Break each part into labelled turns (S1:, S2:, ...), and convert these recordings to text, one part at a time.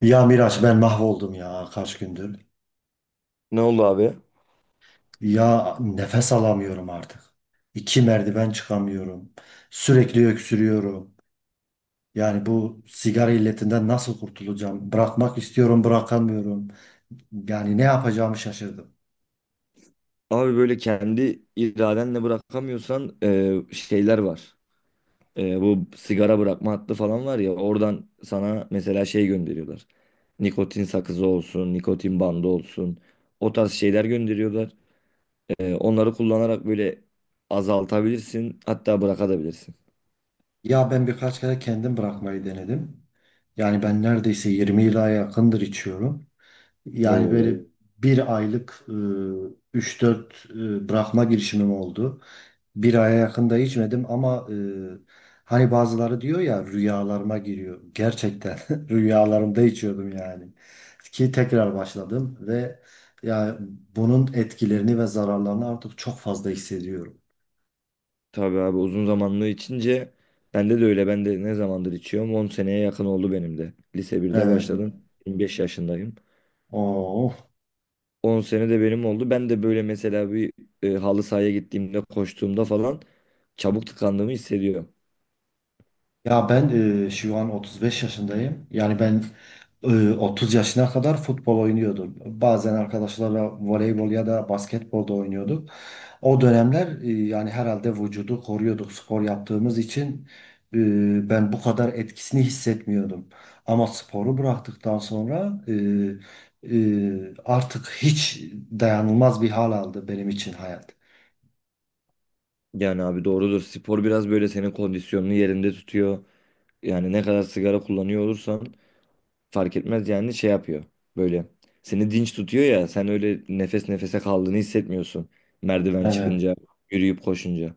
S1: Ya Miraç ben mahvoldum ya kaç gündür.
S2: Ne oldu abi?
S1: Ya nefes alamıyorum artık. İki merdiven çıkamıyorum. Sürekli öksürüyorum. Yani bu sigara illetinden nasıl kurtulacağım? Bırakmak istiyorum, bırakamıyorum. Yani ne yapacağımı şaşırdım.
S2: Abi böyle kendi iradenle bırakamıyorsan şeyler var. Bu sigara bırakma hattı falan var ya, oradan sana mesela şey gönderiyorlar. Nikotin sakızı olsun, nikotin bandı olsun. O tarz şeyler gönderiyorlar. Onları kullanarak böyle azaltabilirsin, hatta bırakabilirsin.
S1: Ya ben birkaç kere kendim bırakmayı denedim. Yani ben neredeyse 20 yıla yakındır içiyorum. Yani böyle,
S2: Oo.
S1: Evet, bir aylık 3-4 bırakma girişimim oldu. Bir aya yakında içmedim ama hani bazıları diyor ya rüyalarıma giriyor. Gerçekten rüyalarımda içiyordum yani. Ki tekrar başladım ve ya bunun etkilerini ve zararlarını artık çok fazla hissediyorum.
S2: Tabii abi, uzun zamanlı içince bende de öyle. Ben de ne zamandır içiyorum? 10 seneye yakın oldu benim de. Lise birde
S1: Evet.
S2: başladım. 25 yaşındayım.
S1: Oo.
S2: 10 sene de benim oldu. Ben de böyle mesela bir halı sahaya gittiğimde, koştuğumda falan çabuk tıkandığımı hissediyorum.
S1: Ya ben şu an 35 yaşındayım. Yani ben e, 30 yaşına kadar futbol oynuyordum. Bazen arkadaşlarla voleybol ya da basketbol da oynuyorduk. O dönemler yani herhalde vücudu koruyorduk spor yaptığımız için ben bu kadar etkisini hissetmiyordum. Ama sporu bıraktıktan sonra artık hiç dayanılmaz bir hal aldı benim için hayat.
S2: Yani abi doğrudur. Spor biraz böyle senin kondisyonunu yerinde tutuyor. Yani ne kadar sigara kullanıyor olursan fark etmez, yani şey yapıyor. Böyle seni dinç tutuyor ya, sen öyle nefes nefese kaldığını hissetmiyorsun. Merdiven
S1: Evet.
S2: çıkınca, yürüyüp koşunca.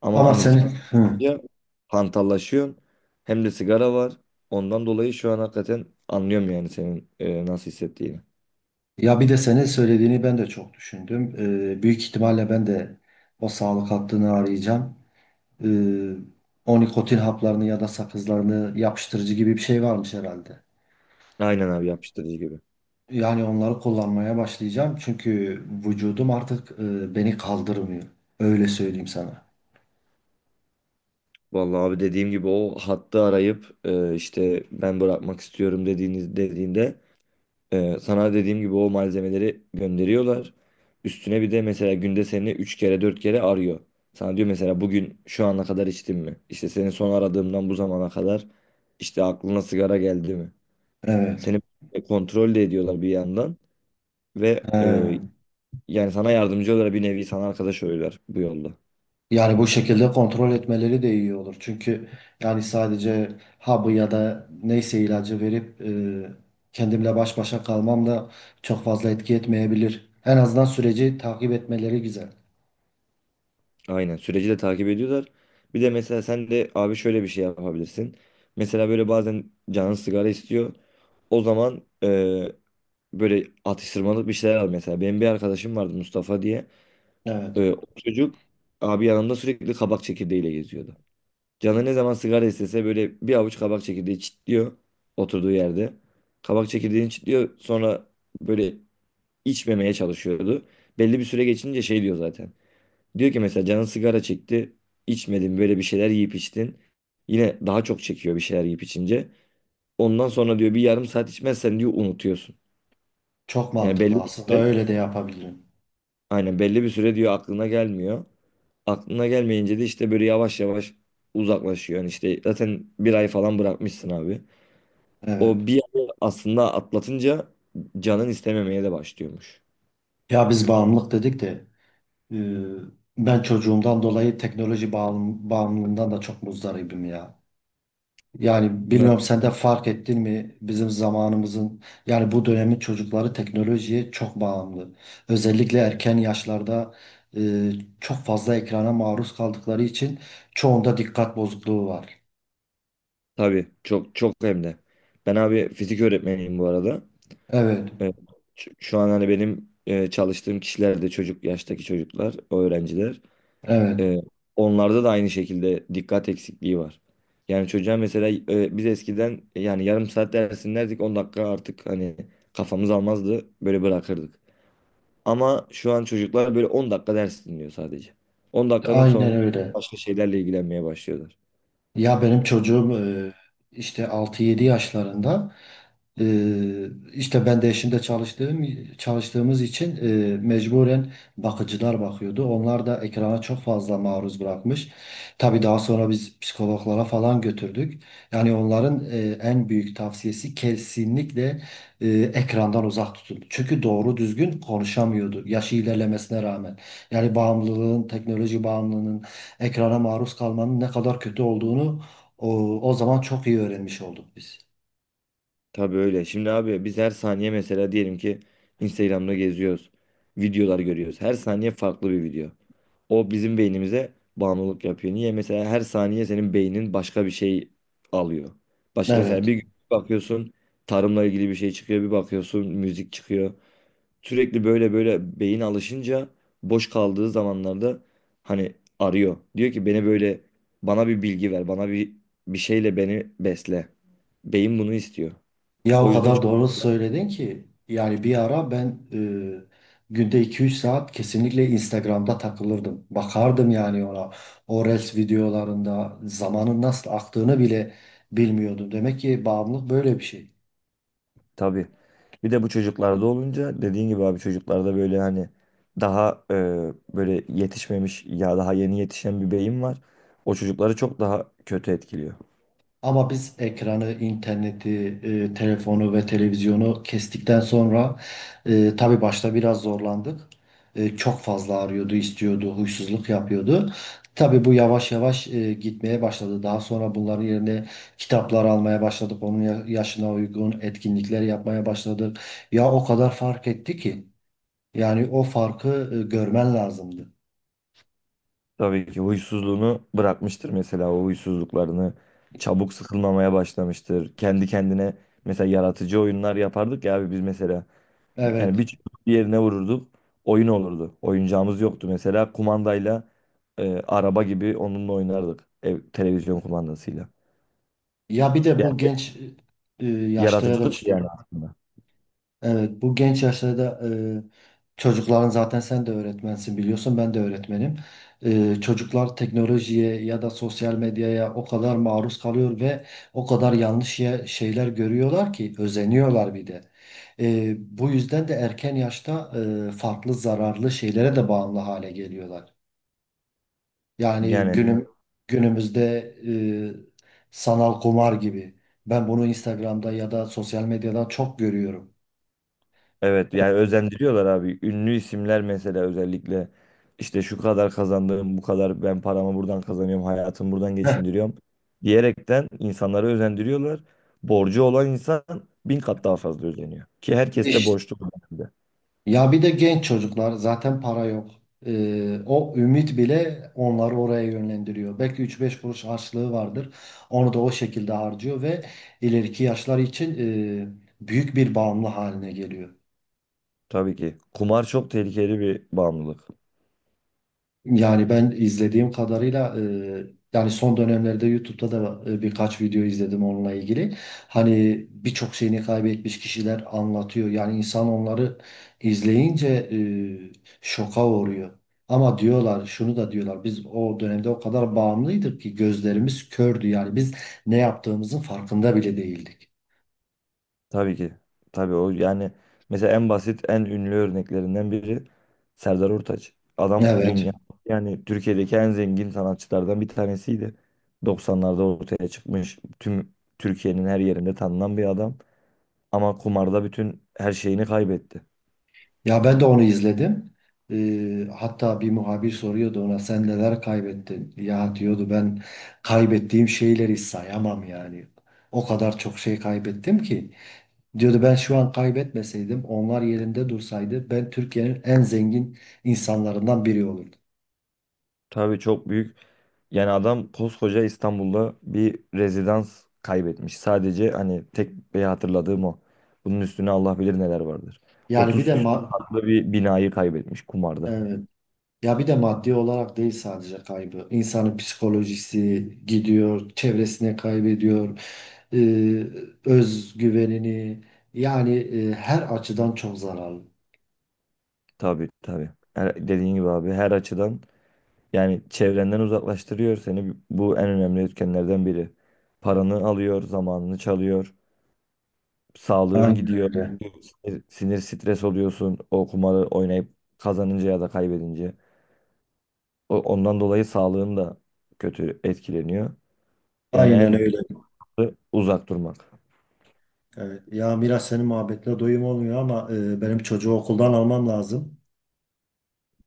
S2: Ama
S1: Ama
S2: hani
S1: senin
S2: spor
S1: hı.
S2: ya, hantallaşıyorsun hem de sigara var. Ondan dolayı şu an hakikaten anlıyorum yani senin nasıl hissettiğini.
S1: Ya bir de senin söylediğini ben de çok düşündüm. Büyük ihtimalle ben de o sağlık hattını arayacağım. e, O nikotin haplarını ya da sakızlarını yapıştırıcı gibi bir şey varmış herhalde.
S2: Aynen abi, yapıştırıcı gibi.
S1: Yani onları kullanmaya başlayacağım çünkü vücudum artık beni kaldırmıyor. Öyle söyleyeyim sana.
S2: Vallahi abi, dediğim gibi o hattı arayıp işte ben bırakmak istiyorum dediğiniz dediğinde sana dediğim gibi o malzemeleri gönderiyorlar. Üstüne bir de mesela günde seni 3 kere 4 kere arıyor. Sana diyor mesela, bugün şu ana kadar içtin mi? İşte seni son aradığımdan bu zamana kadar işte aklına sigara geldi mi?
S1: Evet.
S2: Seni kontrol de ediyorlar bir yandan ve
S1: He.
S2: yani sana yardımcı oluyorlar, bir nevi sana arkadaş oluyorlar bu yolda.
S1: Yani bu şekilde kontrol etmeleri de iyi olur. Çünkü yani sadece hapı ya da neyse ilacı verip kendimle baş başa kalmam da çok fazla etki etmeyebilir. En azından süreci takip etmeleri güzel.
S2: Aynen, süreci de takip ediyorlar. Bir de mesela sen de abi şöyle bir şey yapabilirsin. Mesela böyle bazen canın sigara istiyor. O zaman böyle atıştırmalık bir şeyler al mesela. Benim bir arkadaşım vardı, Mustafa diye.
S1: Evet.
S2: O çocuk abi yanımda sürekli kabak çekirdeğiyle geziyordu. Canı ne zaman sigara istese böyle bir avuç kabak çekirdeği çitliyor oturduğu yerde. Kabak çekirdeğini çitliyor, sonra böyle içmemeye çalışıyordu. Belli bir süre geçince şey diyor zaten. Diyor ki mesela, canın sigara çekti, içmedin, böyle bir şeyler yiyip içtin. Yine daha çok çekiyor bir şeyler yiyip içince. Ondan sonra diyor, bir yarım saat içmezsen diyor unutuyorsun.
S1: Çok
S2: Yani belli
S1: mantıklı.
S2: bir
S1: Aslında
S2: süre,
S1: öyle de yapabilirim.
S2: aynen belli bir süre diyor aklına gelmiyor. Aklına gelmeyince de işte böyle yavaş yavaş uzaklaşıyor. Yani işte zaten 1 ay falan bırakmışsın abi.
S1: Evet.
S2: O 1 ayı aslında atlatınca canın istememeye de başlıyormuş.
S1: Ya biz bağımlılık dedik de e, ben çocuğumdan dolayı teknoloji bağımlılığından da çok muzdaribim ya. Yani
S2: Na-
S1: bilmiyorum sen de fark ettin mi bizim zamanımızın yani bu dönemin çocukları teknolojiye çok bağımlı. Özellikle erken yaşlarda e, çok fazla ekrana maruz kaldıkları için çoğunda dikkat bozukluğu var.
S2: Tabii, çok çok hem de. Ben abi fizik öğretmeniyim bu arada.
S1: Evet,
S2: Ee, Şu an hani benim çalıştığım kişiler de çocuk yaştaki çocuklar, o öğrenciler.
S1: evet,
S2: Ee, Onlarda da aynı şekilde dikkat eksikliği var. Yani çocuğa mesela biz eskiden yani yarım saat ders dinlerdik, 10 dakika artık hani kafamız almazdı, böyle bırakırdık. Ama şu an çocuklar böyle 10 dakika ders dinliyor sadece. 10 dakikanın
S1: aynen
S2: sonunda
S1: öyle.
S2: başka şeylerle ilgilenmeye başlıyorlar.
S1: Ya benim çocuğum işte altı yedi yaşlarında e, işte ben de eşimde çalıştığımız için mecburen bakıcılar bakıyordu. Onlar da ekrana çok fazla maruz bırakmış. Tabii daha sonra biz psikologlara falan götürdük. Yani onların en büyük tavsiyesi kesinlikle ekrandan uzak tutun. Çünkü doğru düzgün konuşamıyordu yaşı ilerlemesine rağmen. Yani bağımlılığın, teknoloji bağımlılığının ekrana maruz kalmanın ne kadar kötü olduğunu o, o zaman çok iyi öğrenmiş olduk biz.
S2: Tabii öyle. Şimdi abi biz her saniye mesela diyelim ki Instagram'da geziyoruz. Videolar görüyoruz. Her saniye farklı bir video. O bizim beynimize bağımlılık yapıyor. Niye? Mesela her saniye senin beynin başka bir şey alıyor. Başka, mesela
S1: Evet.
S2: bir gün bakıyorsun tarımla ilgili bir şey çıkıyor. Bir bakıyorsun müzik çıkıyor. Sürekli böyle böyle beyin alışınca, boş kaldığı zamanlarda hani arıyor. Diyor ki beni böyle, bana bir bilgi ver, bana bir bir şeyle beni besle. Beyin bunu istiyor.
S1: Ya o
S2: O yüzden
S1: kadar
S2: çok-
S1: doğru söyledin ki yani bir ara ben günde 2-3 saat kesinlikle Instagram'da takılırdım. Bakardım yani ona. O Reels videolarında zamanın nasıl aktığını bile bilmiyordum. Demek ki bağımlılık böyle bir şey.
S2: Tabii. Bir de bu çocuklarda olunca, dediğin gibi abi, çocuklarda böyle hani daha böyle yetişmemiş ya, daha yeni yetişen bir beyin var. O çocukları çok daha kötü etkiliyor.
S1: Ama biz ekranı, interneti, telefonu ve televizyonu kestikten sonra tabii başta biraz zorlandık. Çok fazla arıyordu, istiyordu, huysuzluk yapıyordu. Tabii bu yavaş yavaş gitmeye başladı. Daha sonra bunların yerine kitaplar almaya başladık. Onun yaşına uygun etkinlikler yapmaya başladık. Ya o kadar fark etti ki. Yani o farkı görmen lazımdı.
S2: Tabii ki huysuzluğunu bırakmıştır mesela, o huysuzluklarını. Çabuk sıkılmamaya başlamıştır. Kendi kendine mesela yaratıcı oyunlar yapardık ya abi biz mesela. Yani
S1: Evet.
S2: bir çubuk bir yerine vururduk. Oyun olurdu. Oyuncağımız yoktu mesela. Kumandayla araba gibi onunla oynardık. Ev, televizyon kumandasıyla.
S1: Ya bir de bu
S2: Yani
S1: genç yaşta ya da,
S2: yaratıcılık yani aslında.
S1: Evet, bu genç yaşlarda çocukların zaten, sen de öğretmensin biliyorsun, ben de öğretmenim. Çocuklar teknolojiye ya da sosyal medyaya o kadar maruz kalıyor ve o kadar yanlış şeyler görüyorlar ki özeniyorlar bir de. Bu yüzden de erken yaşta farklı zararlı şeylere de bağımlı hale geliyorlar. Yani, Evet,
S2: Yani
S1: günümüzde sanal kumar gibi. Ben bunu Instagram'da ya da sosyal medyadan çok görüyorum.
S2: evet, yani özendiriyorlar abi. Ünlü isimler mesela, özellikle işte şu kadar kazandığım, bu kadar ben paramı buradan kazanıyorum, hayatımı buradan geçindiriyorum diyerekten insanları özendiriyorlar. Borcu olan insan 1000 kat daha fazla özeniyor. Ki herkes de borçlu bu dönemde.
S1: Ya bir de genç çocuklar zaten para yok. O ümit bile onları oraya yönlendiriyor. Belki üç beş kuruş harçlığı vardır. Onu da o şekilde harcıyor ve ileriki yaşlar için büyük bir bağımlı haline geliyor.
S2: Tabii ki. Kumar çok tehlikeli bir bağımlılık.
S1: Yani ben izlediğim kadarıyla yani son dönemlerde YouTube'da da birkaç video izledim onunla ilgili. Hani birçok şeyini kaybetmiş kişiler anlatıyor. Yani insan onları izleyince şoka uğruyor. Ama diyorlar, şunu da diyorlar, biz o dönemde o kadar bağımlıydık ki gözlerimiz kördü. Yani biz ne yaptığımızın farkında bile değildik.
S2: Tabii ki. Tabii o yani, mesela en basit en ünlü örneklerinden biri Serdar Ortaç. Adam
S1: Evet.
S2: dünya yani Türkiye'deki en zengin sanatçılardan bir tanesiydi. 90'larda ortaya çıkmış, tüm Türkiye'nin her yerinde tanınan bir adam. Ama kumarda bütün her şeyini kaybetti.
S1: Ya ben de onu izledim. Hatta bir muhabir soruyordu ona, sen neler kaybettin? Ya diyordu, ben kaybettiğim şeyleri sayamam yani. O kadar çok şey kaybettim ki. Diyordu ben şu an kaybetmeseydim, onlar yerinde dursaydı, ben Türkiye'nin en zengin insanlarından biri olurdum.
S2: Tabii çok büyük. Yani adam koskoca İstanbul'da bir rezidans kaybetmiş. Sadece hani tek bir hatırladığım o. Bunun üstüne Allah bilir neler vardır.
S1: Yani bir de
S2: 30 küsur katlı bir binayı kaybetmiş kumarda.
S1: evet. Ya bir de maddi olarak değil sadece kaybı. İnsanın psikolojisi gidiyor, çevresine kaybediyor, e, özgüvenini. Yani her açıdan çok zararlı.
S2: Tabii tabii. Dediğin gibi abi her açıdan yani çevrenden uzaklaştırıyor seni. Bu en önemli etkenlerden biri. Paranı alıyor, zamanını çalıyor, sağlığın
S1: Aynen
S2: gidiyor,
S1: öyle.
S2: sinir stres oluyorsun o kumarı oynayıp kazanınca ya da kaybedince. Ondan dolayı sağlığın da kötü etkileniyor. Yani
S1: Aynen
S2: en
S1: öyle.
S2: uzak durmak.
S1: Evet. Ya Miras, senin muhabbetle doyum olmuyor ama benim çocuğu okuldan almam lazım.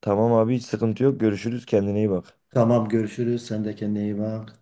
S2: Tamam abi, hiç sıkıntı yok. Görüşürüz. Kendine iyi bak.
S1: Tamam, görüşürüz. Sen de kendine iyi bak.